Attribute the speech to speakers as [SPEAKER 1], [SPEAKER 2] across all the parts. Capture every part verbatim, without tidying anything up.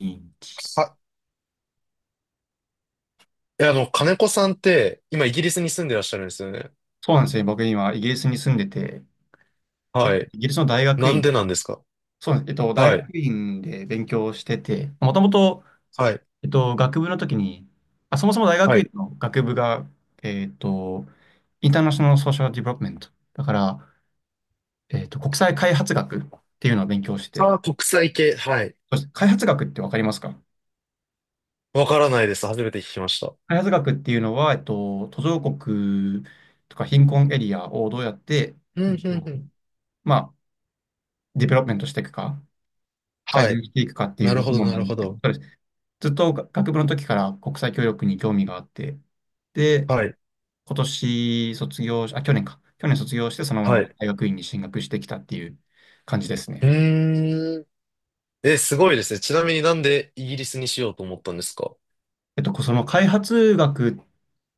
[SPEAKER 1] うん。
[SPEAKER 2] は。え、あの、金子さんって、今イギリスに住んでらっしゃるんですよね。
[SPEAKER 1] そうなんですよ。僕今、イギリスに住んでて、えっ
[SPEAKER 2] は
[SPEAKER 1] とイ
[SPEAKER 2] い。
[SPEAKER 1] ギリスの大学
[SPEAKER 2] なん
[SPEAKER 1] 院、
[SPEAKER 2] でなんですか？
[SPEAKER 1] そうなんです。えっと、大
[SPEAKER 2] はい。
[SPEAKER 1] 学院で勉強してて、もともと、
[SPEAKER 2] はい。
[SPEAKER 1] えっと、学部の時に、あ、そもそも大
[SPEAKER 2] は
[SPEAKER 1] 学
[SPEAKER 2] い。
[SPEAKER 1] 院の学部が、えっと、インターナショナルソーシャルディベロップメント。だから、えっと、国際開発学っていうのを勉強して
[SPEAKER 2] あ
[SPEAKER 1] て、
[SPEAKER 2] あ、国際系。はい。
[SPEAKER 1] そして開発学ってわかりますか？
[SPEAKER 2] わからないです。初めて聞きました。
[SPEAKER 1] 開発学っていうのは、えっと、途上国とか貧困エリアをどうやって、
[SPEAKER 2] う
[SPEAKER 1] えっ
[SPEAKER 2] ん、うん、
[SPEAKER 1] と、
[SPEAKER 2] うん。
[SPEAKER 1] まあ、ディベロップメントしていくか。改
[SPEAKER 2] はい。
[SPEAKER 1] 善していくかってい
[SPEAKER 2] な
[SPEAKER 1] う
[SPEAKER 2] るほ
[SPEAKER 1] 学
[SPEAKER 2] ど、
[SPEAKER 1] 問
[SPEAKER 2] な
[SPEAKER 1] なん
[SPEAKER 2] る
[SPEAKER 1] で
[SPEAKER 2] ほ
[SPEAKER 1] すけど、
[SPEAKER 2] ど。
[SPEAKER 1] そうです。ずっと学部の時から国際協力に興味があって、で、
[SPEAKER 2] はい。
[SPEAKER 1] 今年卒業し、あ、去年か。去年卒業して、そのま
[SPEAKER 2] は
[SPEAKER 1] ま
[SPEAKER 2] い。
[SPEAKER 1] 大学院に進学してきたっていう感じです
[SPEAKER 2] う
[SPEAKER 1] ね。
[SPEAKER 2] ーん。え、すごいですね。ちなみになんでイギリスにしようと思ったんですか？
[SPEAKER 1] えっと、その開発学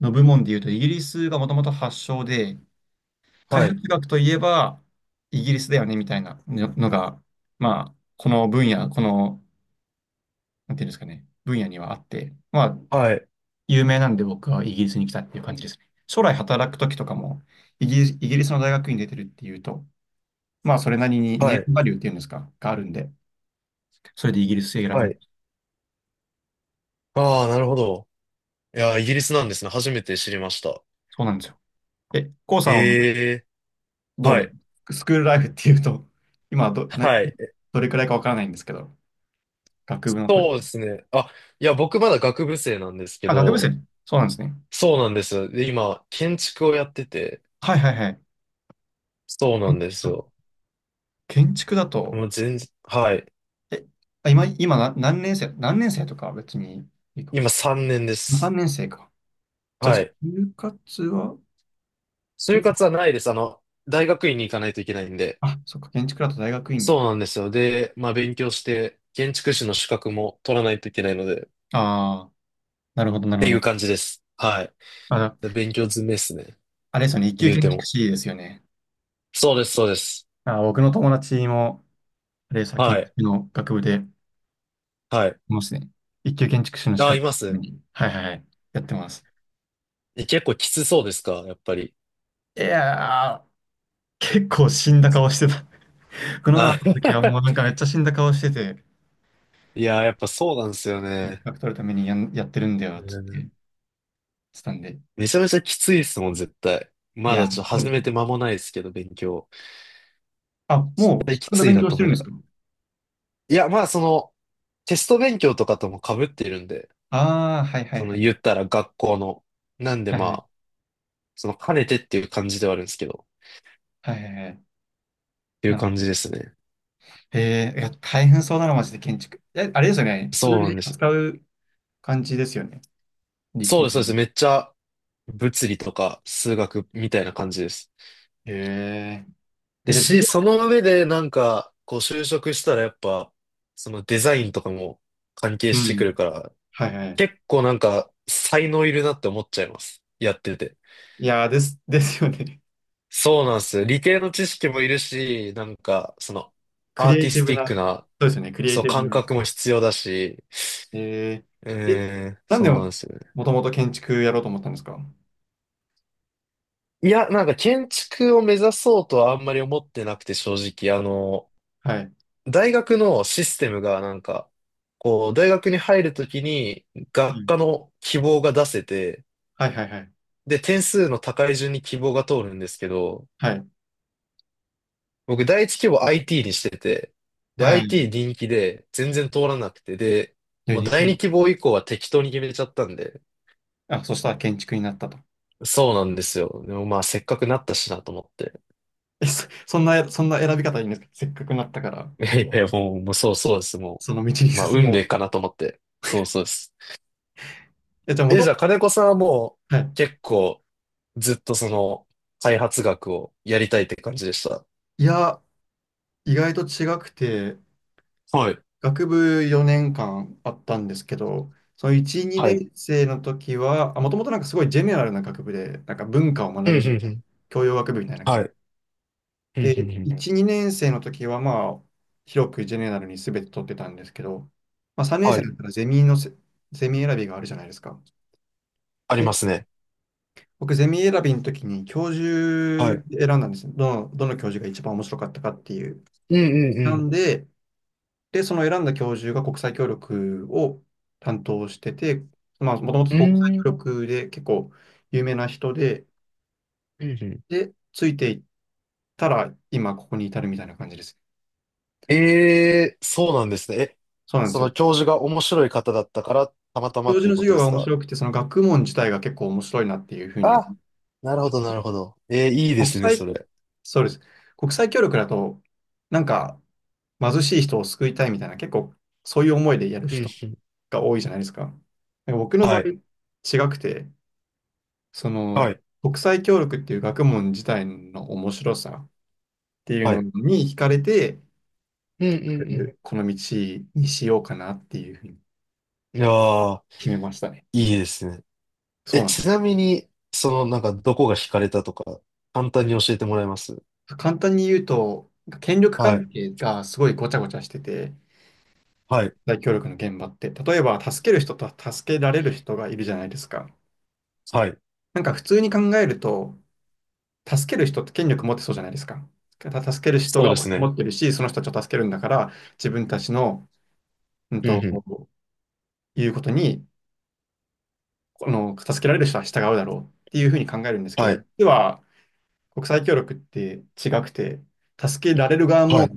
[SPEAKER 1] の部門でいうと、イギリスがもともと発祥で、開
[SPEAKER 2] はい。
[SPEAKER 1] 発学といえばイギリスだよねみたいなののが、まあ、この分野、この、なんていうんですかね、分野にはあって、まあ、
[SPEAKER 2] はい。
[SPEAKER 1] 有名なんで僕はイギリスに来たっていう感じですね。将来働くときとかも、イギリス、イギリスの大学院出てるっていうと、まあそれなりにネ
[SPEAKER 2] は
[SPEAKER 1] ー
[SPEAKER 2] い。
[SPEAKER 1] ムバリューっていうんですか、があるんで、それでイギリス選び
[SPEAKER 2] は
[SPEAKER 1] ま
[SPEAKER 2] い。
[SPEAKER 1] す。
[SPEAKER 2] ああ、なるほど。いやー、イギリスなんですね。初めて知りました。
[SPEAKER 1] そうなんですよ。え、コウさんは
[SPEAKER 2] へえ。
[SPEAKER 1] ど
[SPEAKER 2] は
[SPEAKER 1] れ、
[SPEAKER 2] い。
[SPEAKER 1] スクールライフっていうと、今はど、な、
[SPEAKER 2] はい。
[SPEAKER 1] どれくらいかわからないんですけど、学部の時。
[SPEAKER 2] そうですね。あ、いや、僕まだ学部生なんですけ
[SPEAKER 1] あ、学部
[SPEAKER 2] ど、
[SPEAKER 1] 生、そうなんですね。
[SPEAKER 2] そうなんですよ。で、今、建築をやってて、
[SPEAKER 1] はいはいはい。
[SPEAKER 2] そうな
[SPEAKER 1] 建
[SPEAKER 2] んで
[SPEAKER 1] 築
[SPEAKER 2] す
[SPEAKER 1] か
[SPEAKER 2] よ。
[SPEAKER 1] 建築だ
[SPEAKER 2] も
[SPEAKER 1] と、
[SPEAKER 2] う全然、はい。
[SPEAKER 1] え、あ今、今な何年生、何年生とかは別にいいか。
[SPEAKER 2] 今さんねんで
[SPEAKER 1] 3
[SPEAKER 2] す。
[SPEAKER 1] 年生か。じゃあ、
[SPEAKER 2] はい。
[SPEAKER 1] 就活は、
[SPEAKER 2] 就
[SPEAKER 1] 今、
[SPEAKER 2] 活はないです。あの、大学院に行かないといけないんで。
[SPEAKER 1] あ、そっか、建築だと大学院
[SPEAKER 2] そ
[SPEAKER 1] に。
[SPEAKER 2] うなんですよ。で、まあ勉強して、建築士の資格も取らないといけないので、っ
[SPEAKER 1] ああ、なるほど、なるほ
[SPEAKER 2] ていう
[SPEAKER 1] ど。
[SPEAKER 2] 感じです。はい。
[SPEAKER 1] あの、
[SPEAKER 2] で勉強詰めですね。
[SPEAKER 1] あれですよね、一級
[SPEAKER 2] 言う
[SPEAKER 1] 建
[SPEAKER 2] て
[SPEAKER 1] 築
[SPEAKER 2] も。
[SPEAKER 1] 士ですよね。
[SPEAKER 2] そうです、そうです。
[SPEAKER 1] あー、僕の友達も、あれでし建
[SPEAKER 2] はい。
[SPEAKER 1] 築の学部で、い
[SPEAKER 2] はい。
[SPEAKER 1] ますね。一級建築士の資
[SPEAKER 2] あ、
[SPEAKER 1] 格
[SPEAKER 2] います。
[SPEAKER 1] に、はいはいはい、やってます。
[SPEAKER 2] え、結構きつそうですか、やっぱり？
[SPEAKER 1] いやー、結構死んだ顔してた。この前会っ
[SPEAKER 2] あ
[SPEAKER 1] た時はもうなん かめっちゃ死んだ顔してて、
[SPEAKER 2] いやー、やっぱそうなんですよ
[SPEAKER 1] 資
[SPEAKER 2] ね。
[SPEAKER 1] 格取るためにやん、やってるんだよ、つっ
[SPEAKER 2] う
[SPEAKER 1] て言っ
[SPEAKER 2] ん。
[SPEAKER 1] てたんで。
[SPEAKER 2] めちゃめちゃきついですもん、絶対。
[SPEAKER 1] い
[SPEAKER 2] ま
[SPEAKER 1] やー、
[SPEAKER 2] だちょっと
[SPEAKER 1] そう
[SPEAKER 2] 始
[SPEAKER 1] です
[SPEAKER 2] め
[SPEAKER 1] ね。
[SPEAKER 2] て間もないですけど、勉強。
[SPEAKER 1] あ、
[SPEAKER 2] 絶
[SPEAKER 1] もう
[SPEAKER 2] 対
[SPEAKER 1] 資
[SPEAKER 2] き
[SPEAKER 1] 格の
[SPEAKER 2] つい
[SPEAKER 1] 勉
[SPEAKER 2] な
[SPEAKER 1] 強
[SPEAKER 2] と
[SPEAKER 1] して
[SPEAKER 2] 思い
[SPEAKER 1] るんで
[SPEAKER 2] な
[SPEAKER 1] す
[SPEAKER 2] がら。
[SPEAKER 1] か？
[SPEAKER 2] いや、まあその、テスト勉強とかとも被っているんで、
[SPEAKER 1] ああー、はいはい
[SPEAKER 2] そ
[SPEAKER 1] は
[SPEAKER 2] の言っ
[SPEAKER 1] い。
[SPEAKER 2] たら学校の。なんで
[SPEAKER 1] はい
[SPEAKER 2] ま
[SPEAKER 1] はい。
[SPEAKER 2] あ、その兼ねてっていう感じではあるんですけど、っ
[SPEAKER 1] はいはいはい。
[SPEAKER 2] ていう感じですね。
[SPEAKER 1] へえ。いや、大変そうだな、マジで建築。え、あれですよね。数
[SPEAKER 2] そうな
[SPEAKER 1] 字
[SPEAKER 2] んです。
[SPEAKER 1] 扱う感じですよね。理
[SPEAKER 2] そう
[SPEAKER 1] 系
[SPEAKER 2] です、
[SPEAKER 1] で。
[SPEAKER 2] そうです。めっちゃ物理とか数学みたいな感じです。
[SPEAKER 1] へええ、
[SPEAKER 2] で、
[SPEAKER 1] じゃあ、授
[SPEAKER 2] し、
[SPEAKER 1] 業。
[SPEAKER 2] その上でなんか、こう就職したらやっぱ、そのデザインとかも関係
[SPEAKER 1] う
[SPEAKER 2] してくる
[SPEAKER 1] ん。
[SPEAKER 2] から、
[SPEAKER 1] はいはい。
[SPEAKER 2] 結構なんか才能いるなって思っちゃいます。やってて。
[SPEAKER 1] いやー、です、ですよね。
[SPEAKER 2] そうなんですよ。理系の知識もいるし、なんか、その、
[SPEAKER 1] ク
[SPEAKER 2] アー
[SPEAKER 1] リエ
[SPEAKER 2] テ
[SPEAKER 1] イ
[SPEAKER 2] ィ
[SPEAKER 1] テ
[SPEAKER 2] ス
[SPEAKER 1] ィブ
[SPEAKER 2] ティッ
[SPEAKER 1] な。
[SPEAKER 2] ク
[SPEAKER 1] そ
[SPEAKER 2] な、
[SPEAKER 1] うですよね。クリエイ
[SPEAKER 2] そう、
[SPEAKER 1] ティブ
[SPEAKER 2] 感
[SPEAKER 1] な。
[SPEAKER 2] 覚も必要だし、
[SPEAKER 1] へ
[SPEAKER 2] う
[SPEAKER 1] ええ、
[SPEAKER 2] ーん、
[SPEAKER 1] なんで
[SPEAKER 2] そうなんで
[SPEAKER 1] も、
[SPEAKER 2] すよね。
[SPEAKER 1] もともと建築やろうと思ったんですか？
[SPEAKER 2] いや、なんか建築を目指そうとはあんまり思ってなくて、正直、あの、
[SPEAKER 1] はい。
[SPEAKER 2] 大学のシステムがなんか、こう、大学に入るときに
[SPEAKER 1] う
[SPEAKER 2] 学
[SPEAKER 1] ん。
[SPEAKER 2] 科の希望が出せて、
[SPEAKER 1] はいはいはい。
[SPEAKER 2] で、点数の高い順に希望が通るんですけど、
[SPEAKER 1] はい。
[SPEAKER 2] 僕第一希望 アイティー にしてて、で、
[SPEAKER 1] はいはい。
[SPEAKER 2] アイティー 人気で全然通らなくて、で、
[SPEAKER 1] で
[SPEAKER 2] もう
[SPEAKER 1] に
[SPEAKER 2] 第
[SPEAKER 1] う
[SPEAKER 2] 二
[SPEAKER 1] ん。
[SPEAKER 2] 希望以降は適当に決めちゃったんで、
[SPEAKER 1] あ、そしたら建築になったと。
[SPEAKER 2] そうなんですよ。でもまあせっかくなったしなと思って。
[SPEAKER 1] え、そ、そんな、そんな選び方いいんですか？せっかくなったから、
[SPEAKER 2] いやいや、もう、もうそうそうです。も
[SPEAKER 1] その道に
[SPEAKER 2] う、まあ
[SPEAKER 1] 進
[SPEAKER 2] 運
[SPEAKER 1] も
[SPEAKER 2] 命
[SPEAKER 1] う。
[SPEAKER 2] かなと思って。そうそうです。
[SPEAKER 1] え、じゃあ、も
[SPEAKER 2] え、
[SPEAKER 1] とも
[SPEAKER 2] じゃあ
[SPEAKER 1] と、
[SPEAKER 2] 金子さんはも
[SPEAKER 1] は
[SPEAKER 2] う
[SPEAKER 1] い。
[SPEAKER 2] 結構ずっとその開発学をやりたいって感じでした？
[SPEAKER 1] いや、意外と違くて、
[SPEAKER 2] はい。
[SPEAKER 1] 学部よねんかんあったんですけど、そのいち、
[SPEAKER 2] は
[SPEAKER 1] 2
[SPEAKER 2] い。
[SPEAKER 1] 年生の時は、もともとなんかすごいジェネラルな学部で、なんか文化を
[SPEAKER 2] う
[SPEAKER 1] 学
[SPEAKER 2] ん、う
[SPEAKER 1] ぶ
[SPEAKER 2] ん、
[SPEAKER 1] みた
[SPEAKER 2] う
[SPEAKER 1] いな、
[SPEAKER 2] ん。
[SPEAKER 1] 教養学部みたいな
[SPEAKER 2] は
[SPEAKER 1] 感じ。
[SPEAKER 2] い。うん、
[SPEAKER 1] で、
[SPEAKER 2] うん、うん。
[SPEAKER 1] いち、にねん生の時はまあ、広くジェネラルに全て取ってたんですけど、まあさんねん
[SPEAKER 2] は
[SPEAKER 1] 生
[SPEAKER 2] い。
[SPEAKER 1] だったらゼミのせ、ゼミ選びがあるじゃないですか。
[SPEAKER 2] あり
[SPEAKER 1] で、
[SPEAKER 2] ますね。
[SPEAKER 1] 僕ゼミ選びの時に教
[SPEAKER 2] は
[SPEAKER 1] 授
[SPEAKER 2] い。
[SPEAKER 1] 選んだんですよ。どの、どの教授が一番面白かったかっていう。
[SPEAKER 2] うん、う
[SPEAKER 1] な
[SPEAKER 2] ん、
[SPEAKER 1] んで、で、その選んだ教授が国際協力を担当してて、まあ、もとも
[SPEAKER 2] う
[SPEAKER 1] と
[SPEAKER 2] ん。う
[SPEAKER 1] 国際
[SPEAKER 2] ーん。
[SPEAKER 1] 協力で結構有名な人で、
[SPEAKER 2] うんうん。
[SPEAKER 1] で、ついていったら今ここに至るみたいな感じです。
[SPEAKER 2] ええ、そうなんですね。え、
[SPEAKER 1] そうなんで
[SPEAKER 2] そ
[SPEAKER 1] す
[SPEAKER 2] の
[SPEAKER 1] よ。
[SPEAKER 2] 教授が面白い方だったから、たまたま
[SPEAKER 1] 教
[SPEAKER 2] っ
[SPEAKER 1] 授
[SPEAKER 2] てい
[SPEAKER 1] の
[SPEAKER 2] うこ
[SPEAKER 1] 授
[SPEAKER 2] と
[SPEAKER 1] 業
[SPEAKER 2] で
[SPEAKER 1] が
[SPEAKER 2] す
[SPEAKER 1] 面
[SPEAKER 2] か？
[SPEAKER 1] 白くて、その学問自体が結構面白いなっていうふうに思
[SPEAKER 2] あ、なるほど、なるほど。ええ、いいで
[SPEAKER 1] う。国
[SPEAKER 2] すね、
[SPEAKER 1] 際、
[SPEAKER 2] それ。
[SPEAKER 1] そうです。国際協力だと、なんか貧しい人を救いたいみたいな、結構そういう思いでやる
[SPEAKER 2] うんう
[SPEAKER 1] 人
[SPEAKER 2] ん。
[SPEAKER 1] が多いじゃないですか。なんか僕の場
[SPEAKER 2] は
[SPEAKER 1] 合、
[SPEAKER 2] い、
[SPEAKER 1] 違くて、そ
[SPEAKER 2] は
[SPEAKER 1] の、
[SPEAKER 2] い。
[SPEAKER 1] 国際協力っていう学問自体の面白さっていう
[SPEAKER 2] は
[SPEAKER 1] の
[SPEAKER 2] い。
[SPEAKER 1] に惹かれて、
[SPEAKER 2] うんう
[SPEAKER 1] 結
[SPEAKER 2] んうん。
[SPEAKER 1] 局、この道にしようかなっていうふうに
[SPEAKER 2] いやー、
[SPEAKER 1] 決めましたね。
[SPEAKER 2] いいですね。
[SPEAKER 1] そ
[SPEAKER 2] え、
[SPEAKER 1] うなんで
[SPEAKER 2] ちなみに、その、なんか、どこが惹かれたとか、簡単に教えてもらえます？
[SPEAKER 1] す。簡単に言うと、権力
[SPEAKER 2] は
[SPEAKER 1] 関
[SPEAKER 2] い、
[SPEAKER 1] 係がすごいごちゃごちゃしてて、
[SPEAKER 2] はい、
[SPEAKER 1] 大協力の現場って、例えば助ける人と助けられる人がいるじゃないですか。
[SPEAKER 2] はい。
[SPEAKER 1] なんか普通に考えると、助ける人って権力持ってそうじゃないですか。た助ける人
[SPEAKER 2] そう
[SPEAKER 1] が
[SPEAKER 2] で
[SPEAKER 1] お金
[SPEAKER 2] すね。
[SPEAKER 1] 持ってるし、その人たちを助けるんだから、自分たちの、うん
[SPEAKER 2] うんうん。
[SPEAKER 1] と、いうことにこの、助けられる人は従うだろうっていうふうに考えるんですけ
[SPEAKER 2] は
[SPEAKER 1] ど、
[SPEAKER 2] い、
[SPEAKER 1] 実は国際協力って違くて、助けられる側
[SPEAKER 2] は
[SPEAKER 1] も
[SPEAKER 2] い、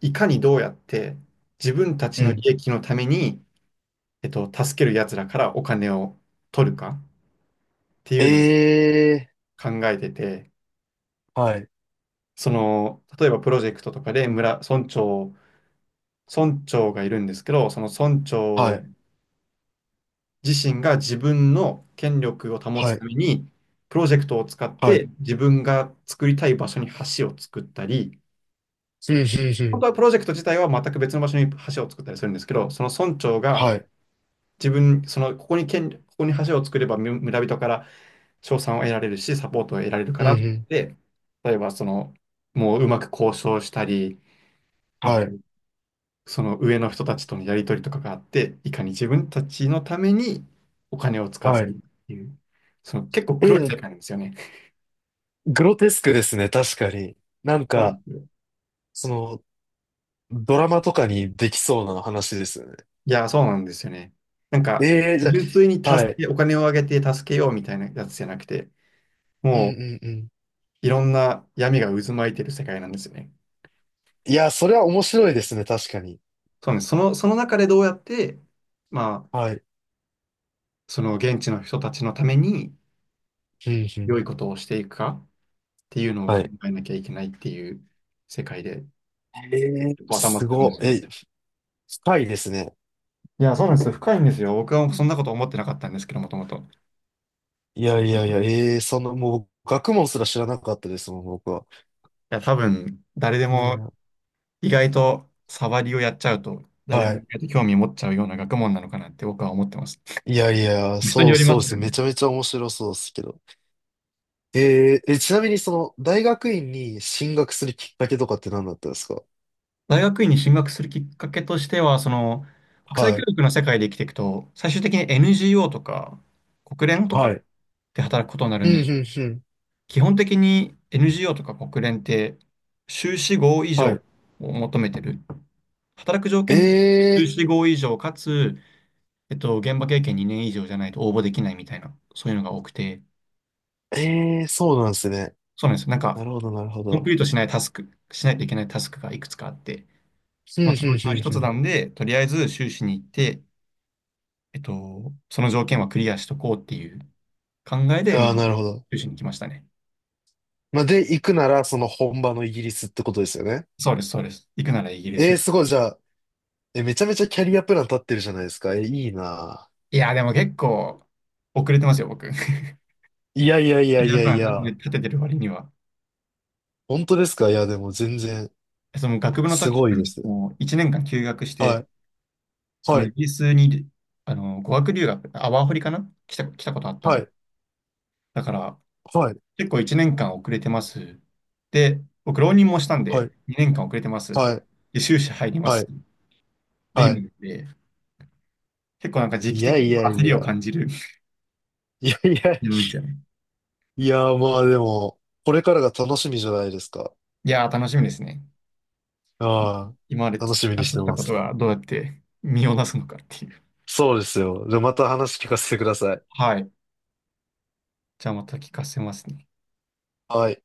[SPEAKER 1] いかにどうやって自分たち
[SPEAKER 2] う
[SPEAKER 1] の利
[SPEAKER 2] ん。
[SPEAKER 1] 益のために、えっと、助ける奴らからお金を取るかっていうのを
[SPEAKER 2] ええ
[SPEAKER 1] 考えてて、
[SPEAKER 2] ー、はい、
[SPEAKER 1] その、例えばプロジェクトとかで村、村長、村長がいるんですけど、その村
[SPEAKER 2] は
[SPEAKER 1] 長
[SPEAKER 2] い、
[SPEAKER 1] 自身が自分の権力を保つ
[SPEAKER 2] は
[SPEAKER 1] た
[SPEAKER 2] い、
[SPEAKER 1] めに、プロジェクトを使っ
[SPEAKER 2] はい。
[SPEAKER 1] て自分が作りたい場所に橋を作ったり、
[SPEAKER 2] うんうんう
[SPEAKER 1] 本
[SPEAKER 2] ん。
[SPEAKER 1] 当はプロジェクト自体は全く別の場所に橋を作ったりするんですけど、その村長が
[SPEAKER 2] はい、
[SPEAKER 1] 自分、そのここに権、ここに橋を作ればむ村人から賞賛を得られるし、サポートを得られるか
[SPEAKER 2] うん
[SPEAKER 1] らっ
[SPEAKER 2] うん。
[SPEAKER 1] て、例えばその、もううまく交渉したり、う
[SPEAKER 2] はい、
[SPEAKER 1] んその上の人たちとのやり取りとかがあって、いかに自分たちのためにお金を使わ
[SPEAKER 2] は
[SPEAKER 1] せ
[SPEAKER 2] い。
[SPEAKER 1] るっていう、その結構
[SPEAKER 2] え
[SPEAKER 1] 黒い
[SPEAKER 2] ー、
[SPEAKER 1] 世界なんですよね。
[SPEAKER 2] グロテスクですね、確かに。なん
[SPEAKER 1] そうなん
[SPEAKER 2] か、
[SPEAKER 1] ですよ。
[SPEAKER 2] その、ドラマとかにできそうな話ですよね。
[SPEAKER 1] いや、そうなんですよね。なん
[SPEAKER 2] え
[SPEAKER 1] か、
[SPEAKER 2] えー、じゃ
[SPEAKER 1] 純粋に
[SPEAKER 2] あ、は
[SPEAKER 1] 助
[SPEAKER 2] い。
[SPEAKER 1] け、お金をあげて助けようみたいなやつじゃなくて、
[SPEAKER 2] うんう
[SPEAKER 1] もう
[SPEAKER 2] んうん。
[SPEAKER 1] いろんな闇が渦巻いてる世界なんですよね。
[SPEAKER 2] いや、それは面白いですね、確かに。
[SPEAKER 1] そうなんです。その、その中でどうやって、まあ、
[SPEAKER 2] はい。
[SPEAKER 1] その現地の人たちのために
[SPEAKER 2] うんう
[SPEAKER 1] 良
[SPEAKER 2] ん。
[SPEAKER 1] いことをしていくかっていうのを考
[SPEAKER 2] はい。
[SPEAKER 1] えなきゃいけないっていう世界で、
[SPEAKER 2] ええ、
[SPEAKER 1] 結構頭
[SPEAKER 2] す
[SPEAKER 1] 使うんで
[SPEAKER 2] ご
[SPEAKER 1] す
[SPEAKER 2] い。
[SPEAKER 1] よ。
[SPEAKER 2] え、深いですね。
[SPEAKER 1] いや、そうなんですよ。深いんですよ。僕はそんなこと思ってなかったんですけど、もともと。い
[SPEAKER 2] いやいやいや、ええ、そんな、もう、学問すら知らなかったですもん、僕は。
[SPEAKER 1] や、多分、誰で
[SPEAKER 2] いい
[SPEAKER 1] も
[SPEAKER 2] な。
[SPEAKER 1] 意外と触りをやっちゃうと、誰で
[SPEAKER 2] は
[SPEAKER 1] も意
[SPEAKER 2] い。
[SPEAKER 1] 外と興味持っちゃうような学問なのかなって僕は思ってます。
[SPEAKER 2] いやいや、
[SPEAKER 1] 人に
[SPEAKER 2] そう
[SPEAKER 1] よりま
[SPEAKER 2] そうで
[SPEAKER 1] すよ
[SPEAKER 2] す。
[SPEAKER 1] ね。
[SPEAKER 2] めちゃめちゃ面白そうですけど。えーえ、ちなみにその、大学院に進学するきっかけとかって何だったんですか？
[SPEAKER 1] 大学院に進学するきっかけとしては、その、国際教
[SPEAKER 2] はい。
[SPEAKER 1] 育の世界で生きていくと、最終的に エヌジーオー とか、国連と
[SPEAKER 2] は
[SPEAKER 1] か
[SPEAKER 2] い。
[SPEAKER 1] で働くことになる
[SPEAKER 2] う
[SPEAKER 1] んで
[SPEAKER 2] ん、う
[SPEAKER 1] す。
[SPEAKER 2] ん、うん。
[SPEAKER 1] 基本的に エヌジーオー とか国連って、修士号以上
[SPEAKER 2] はい。
[SPEAKER 1] を求めてる。働く条
[SPEAKER 2] え
[SPEAKER 1] 件、修士号以上かつ、えっと、現場経験にねん以上じゃないと応募できないみたいな、そういうのが多くて、
[SPEAKER 2] ー、えー、そうなんですね。
[SPEAKER 1] そうなんですよ。なん
[SPEAKER 2] な
[SPEAKER 1] か、
[SPEAKER 2] るほど、なるほ
[SPEAKER 1] コンプ
[SPEAKER 2] ど。
[SPEAKER 1] リートしないタスク、しないといけないタスクがいくつかあって、
[SPEAKER 2] うん、う
[SPEAKER 1] まあ、そのうちの一
[SPEAKER 2] ん、
[SPEAKER 1] つ
[SPEAKER 2] う
[SPEAKER 1] な
[SPEAKER 2] ん、
[SPEAKER 1] んで、とりあえず修士に行って、えっと、その条件はクリアしとこうっていう考え
[SPEAKER 2] う
[SPEAKER 1] で、
[SPEAKER 2] ん。
[SPEAKER 1] ま
[SPEAKER 2] あ
[SPEAKER 1] あ、
[SPEAKER 2] あ、なるほど。
[SPEAKER 1] 修士に来ましたね。
[SPEAKER 2] まあ、で、行くなら、その本場のイギリスってことですよね。
[SPEAKER 1] そうです、そうです。行くならイギリ
[SPEAKER 2] えー、
[SPEAKER 1] ス。
[SPEAKER 2] すごい。じゃあ、え、めちゃめちゃキャリアプラン立ってるじゃないですか。え、いいな。
[SPEAKER 1] いや、でも結構、遅れてますよ、僕。キ
[SPEAKER 2] いやいやい
[SPEAKER 1] ャ
[SPEAKER 2] や
[SPEAKER 1] リ
[SPEAKER 2] い
[SPEAKER 1] ア
[SPEAKER 2] や
[SPEAKER 1] プラ
[SPEAKER 2] い
[SPEAKER 1] ン
[SPEAKER 2] や。
[SPEAKER 1] 立ててる割には。
[SPEAKER 2] 本当ですか？いや、でも全然、
[SPEAKER 1] その学部の
[SPEAKER 2] す
[SPEAKER 1] 時と
[SPEAKER 2] ごい
[SPEAKER 1] か
[SPEAKER 2] で
[SPEAKER 1] に、
[SPEAKER 2] す。
[SPEAKER 1] もういちねんかん休学し
[SPEAKER 2] は
[SPEAKER 1] て、
[SPEAKER 2] い、
[SPEAKER 1] その
[SPEAKER 2] はい、
[SPEAKER 1] イギリスに、あの、語学留学、あ、ワーホリかな来た、来たことあった
[SPEAKER 2] は
[SPEAKER 1] んで。
[SPEAKER 2] い、
[SPEAKER 1] だから、
[SPEAKER 2] はい、
[SPEAKER 1] 結構いちねんかん遅れてます。で、僕、浪人もしたん
[SPEAKER 2] は
[SPEAKER 1] で、
[SPEAKER 2] い、
[SPEAKER 1] にねんかん遅れてます。
[SPEAKER 2] はい、
[SPEAKER 1] で、修士入りま
[SPEAKER 2] は
[SPEAKER 1] す。
[SPEAKER 2] い、
[SPEAKER 1] で、
[SPEAKER 2] はい。
[SPEAKER 1] 今で、結構なんか時
[SPEAKER 2] い
[SPEAKER 1] 期
[SPEAKER 2] や
[SPEAKER 1] 的
[SPEAKER 2] い
[SPEAKER 1] に
[SPEAKER 2] やい
[SPEAKER 1] 焦りを
[SPEAKER 2] や。
[SPEAKER 1] 感じる
[SPEAKER 2] いやい や、
[SPEAKER 1] いですよね。
[SPEAKER 2] いや、まあでも、これからが楽しみじゃないですか。
[SPEAKER 1] いやー、楽しみですね。
[SPEAKER 2] あ
[SPEAKER 1] 今まで
[SPEAKER 2] あ、楽
[SPEAKER 1] 培
[SPEAKER 2] しみに
[SPEAKER 1] っ
[SPEAKER 2] し
[SPEAKER 1] て
[SPEAKER 2] て
[SPEAKER 1] きた
[SPEAKER 2] ま
[SPEAKER 1] こと
[SPEAKER 2] す。
[SPEAKER 1] がどうやって身を出すのかっていう。
[SPEAKER 2] そうですよ。じゃあまた話聞かせてください。
[SPEAKER 1] はい。じゃあまた聞かせますね。
[SPEAKER 2] はい。